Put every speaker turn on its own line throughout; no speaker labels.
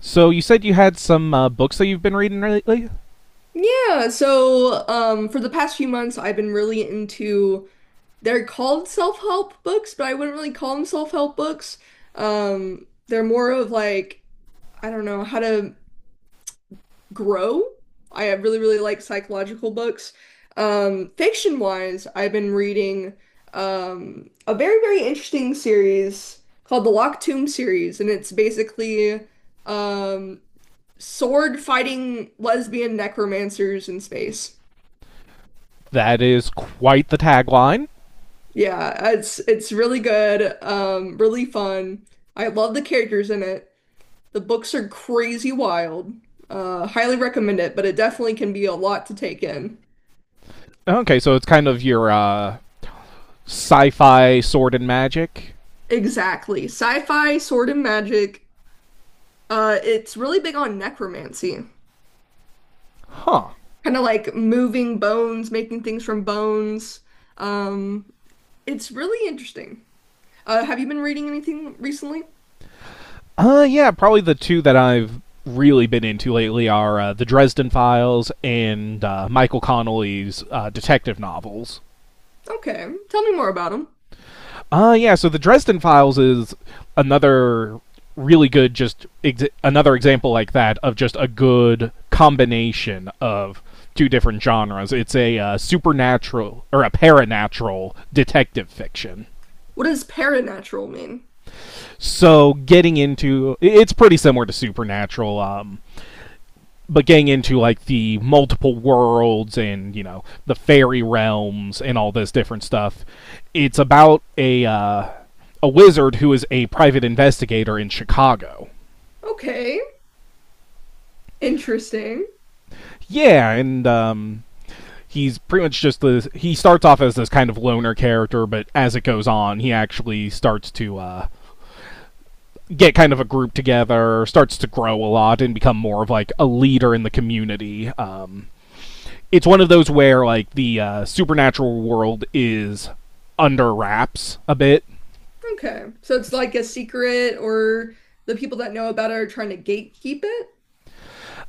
So you said you had some books that you've been reading lately.
Yeah, so for the past few months I've been really into they're called self-help books, but I wouldn't really call them self-help books. They're more of like I don't know how to grow. I really really like psychological books. Fiction-wise, I've been reading a very very interesting series called the Locked Tomb series, and it's basically um sword fighting lesbian necromancers in space.
That is quite the tagline.
Yeah, it's really good, really fun. I love the characters in it. The books are crazy wild. Highly recommend it, but it definitely can be a lot to take in.
Okay, so it's kind of your sci-fi sword and magic,
Exactly. Sci-fi, sword and magic. It's really big on necromancy.
huh?
Kind of like moving bones, making things from bones. Um, it's really interesting. Have you been reading anything recently?
Yeah, probably the two that I've really been into lately are the Dresden Files and Michael Connelly's detective novels.
Okay, tell me more about them.
Yeah, so the Dresden Files is another really good, just another example like that of just a good combination of two different genres. It's a supernatural or a paranatural detective fiction.
What does paranatural mean?
So getting into it's pretty similar to supernatural. But getting into like the multiple worlds and you know the fairy realms and all this different stuff, it's about a wizard who is a private investigator in Chicago.
Okay, interesting.
Yeah. And he's pretty much just this, he starts off as this kind of loner character, but as it goes on he actually starts to get kind of a group together, starts to grow a lot and become more of like a leader in the community. It's one of those where like the supernatural world is under wraps a bit.
Okay. So it's like a secret, or the people that know about it are trying to gatekeep it?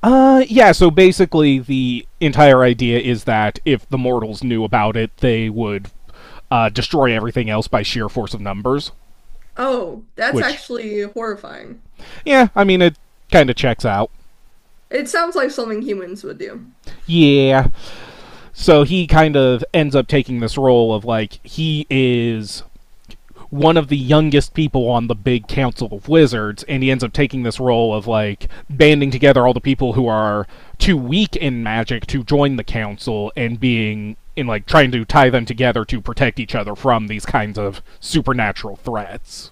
Yeah. So basically, the entire idea is that if the mortals knew about it, they would destroy everything else by sheer force of numbers.
Oh, that's
Which,
actually horrifying.
yeah, I mean, it kind of checks out.
It sounds like something humans would do.
Yeah. So he kind of ends up taking this role of like he is one of the youngest people on the big council of wizards, and he ends up taking this role of like banding together all the people who are too weak in magic to join the council, and being in like trying to tie them together to protect each other from these kinds of supernatural threats.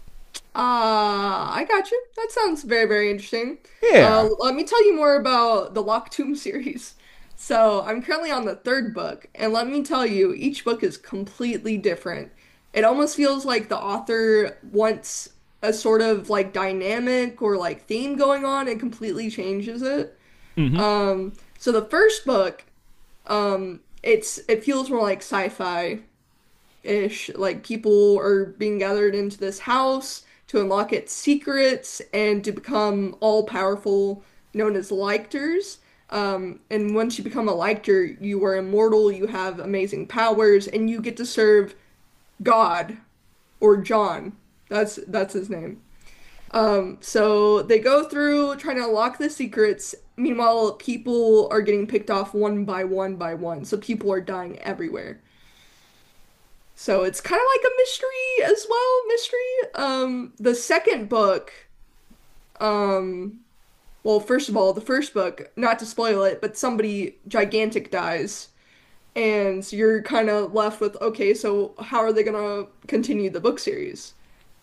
Ah, I got you. That sounds very, very interesting.
Yeah.
Let me tell you more about the Locked Tomb series. So I'm currently on the third book, and let me tell you, each book is completely different. It almost feels like the author wants a sort of like dynamic or like theme going on and completely changes it.
Hmm.
Um, so the first book, it feels more like sci-fi-ish. Like people are being gathered into this house to unlock its secrets and to become all-powerful, known as Lictors. And once you become a Lictor, you are immortal, you have amazing powers, and you get to serve God or John. That's his name. So they go through trying to unlock the secrets. Meanwhile, people are getting picked off one by one by one. So people are dying everywhere. So it's kind of like a mystery as well, mystery. Um, the second book, um, well, first of all, the first book, not to spoil it, but somebody gigantic dies. And so you're kind of left with, okay, so how are they gonna continue the book series?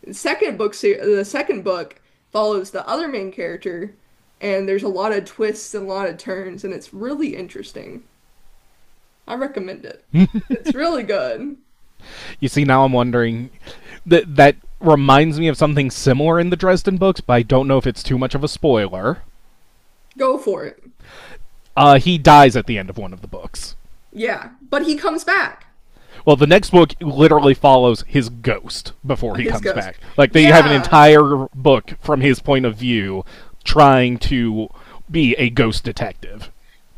The second book follows the other main character, and there's a lot of twists and a lot of turns, and it's really interesting. I recommend it. It's really good.
You see, now I'm wondering, that reminds me of something similar in the Dresden books, but I don't know if it's too much of a spoiler.
Go for it.
He dies at the end of one of the books.
Yeah, but he comes back.
Well, the next book literally follows his ghost before he
His
comes back.
ghost.
Like they have an
Yeah.
entire book from his point of view trying to be a ghost detective.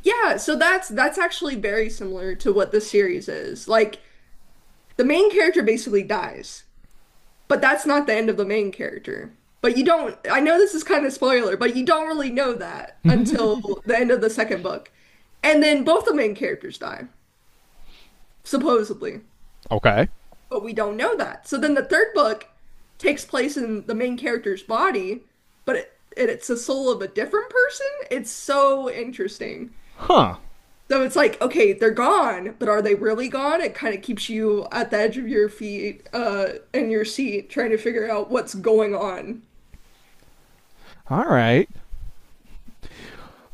Yeah, so that's actually very similar to what this series is. Like the main character basically dies. But that's not the end of the main character. But you don't, I know this is kind of spoiler, but you don't really know that until the end of the second book. And then both the main characters die, supposedly.
Okay.
But we don't know that. So then the third book takes place in the main character's body, but it's the soul of a different person. It's so interesting.
Huh.
So it's like, okay, they're gone, but are they really gone? It kind of keeps you at the edge of your feet, in your seat, trying to figure out what's going on.
All right.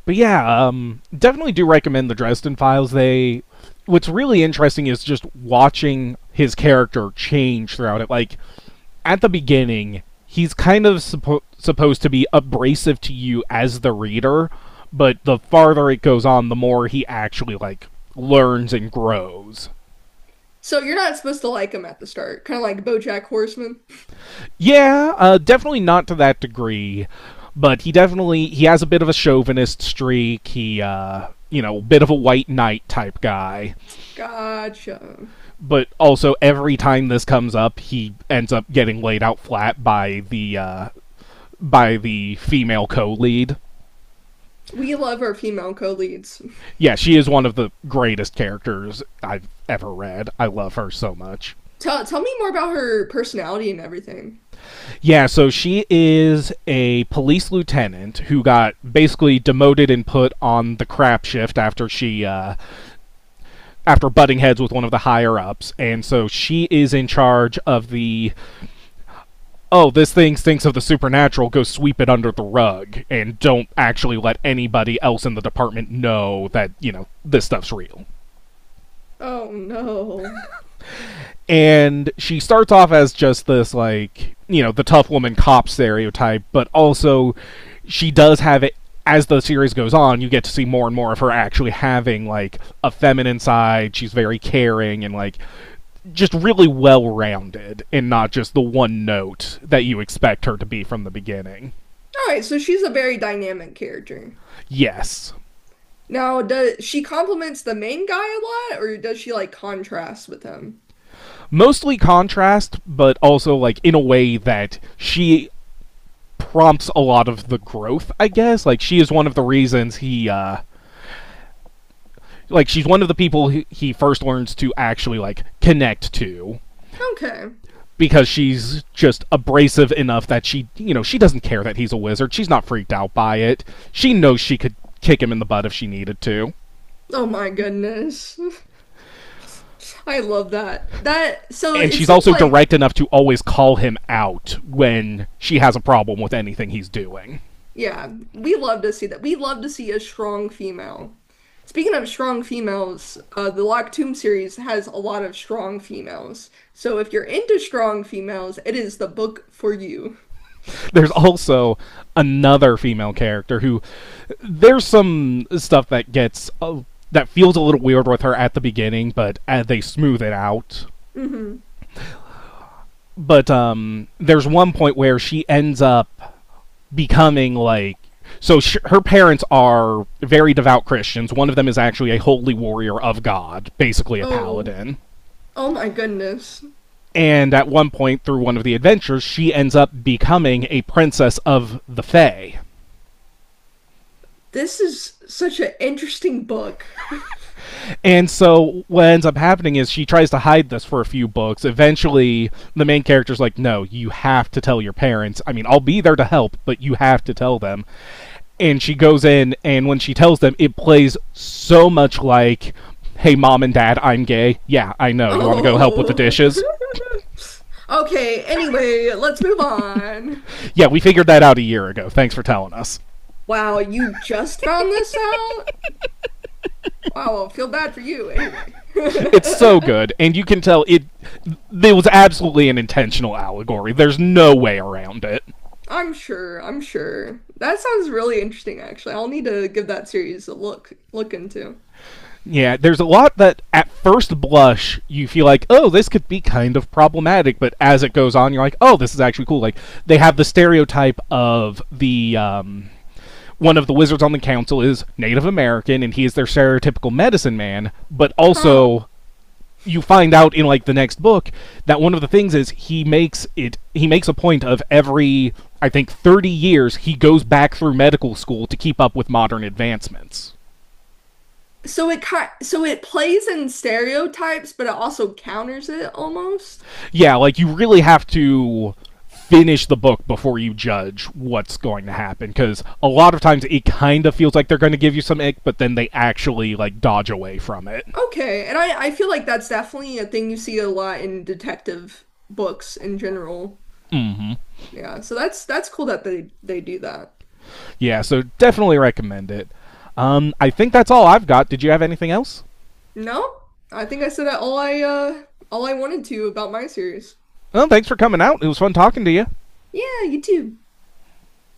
But yeah, definitely do recommend the Dresden Files. They, what's really interesting is just watching his character change throughout it. Like at the beginning, he's kind of supposed to be abrasive to you as the reader, but the farther it goes on, the more he actually like learns and grows.
So you're not supposed to like them at the start, kind of like BoJack Horseman.
Yeah, definitely not to that degree, but he definitely, he has a bit of a chauvinist streak. He, you know, bit of a white knight type guy.
Gotcha.
But also, every time this comes up, he ends up getting laid out flat by the female co-lead.
We love our female co-leads.
Yeah, she is one of the greatest characters I've ever read. I love her so much.
Tell me more about her personality and everything.
Yeah, so she is a police lieutenant who got basically demoted and put on the crap shift after she after butting heads with one of the higher ups. And so she is in charge of the, oh, this thing stinks of the supernatural, go sweep it under the rug and don't actually let anybody else in the department know that, you know, this stuff's real.
Oh no.
And she starts off as just this like you know the tough woman cop stereotype, but also she does have it, as the series goes on you get to see more and more of her actually having like a feminine side. She's very caring and like just really well rounded and not just the one note that you expect her to be from the beginning.
All right, so she's a very dynamic character.
Yes.
Now, does she compliments the main guy a lot, or does she like contrast with him?
Mostly contrast, but also like in a way that she prompts a lot of the growth, I guess. Like she is one of the reasons he, like she's one of the people he first learns to actually like connect to,
Okay.
because she's just abrasive enough that she, you know, she doesn't care that he's a wizard. She's not freaked out by it. She knows she could kick him in the butt if she needed to.
Oh my goodness. I love that. That so
And
it
she's
seems
also
like
direct enough to always call him out when she has a problem with anything he's doing.
yeah, we love to see that. We love to see a strong female. Speaking of strong females, the Locked Tomb series has a lot of strong females. So if you're into strong females, it is the book for you.
There's also another female character who, there's some stuff that gets that feels a little weird with her at the beginning, but they smooth it out.
Hmm.
But there's one point where she ends up becoming like, her parents are very devout Christians. One of them is actually a holy warrior of God, basically a
Oh,
paladin.
oh my goodness.
And at one point through one of the adventures, she ends up becoming a princess of the Fae.
This is such an interesting book.
And so what ends up happening is she tries to hide this for a few books. Eventually, the main character's like, "No, you have to tell your parents. I mean, I'll be there to help, but you have to tell them." And she goes in, and when she tells them it plays so much like, "Hey mom and dad, I'm gay." "Yeah, I know. You want to go help with the
Oh.
dishes?"
Okay, anyway, let's move on.
"Yeah, we figured that out a year ago, thanks for telling us."
Wow, you just found this out? Wow, I feel bad for you anyway.
It's so good, and you can tell it, it was absolutely an intentional allegory. There's no way around it.
I'm sure, I'm sure. That sounds really interesting, actually. I'll need to give that series a look into.
Yeah, there's a lot that at first blush you feel like, oh, this could be kind of problematic, but as it goes on you're like, oh, this is actually cool. Like they have the stereotype of the, one of the wizards on the council is Native American and he is their stereotypical medicine man, but
Huh.
also you find out in like the next book that one of the things is he makes a point of every, I think, 30 years he goes back through medical school to keep up with modern advancements.
So it kind so it plays in stereotypes, but it also counters it almost.
Yeah, like you really have to finish the book before you judge what's going to happen, because a lot of times it kind of feels like they're going to give you some ick but then they actually like dodge away from it.
Okay, and I feel like that's definitely a thing you see a lot in detective books in general. Yeah, so that's cool that they do that.
Yeah, so definitely recommend it. I think that's all I've got. Did you have anything else?
No, I think I said all I all I wanted to about my series.
Well, thanks for coming out. It was fun talking to you.
Yeah, you too.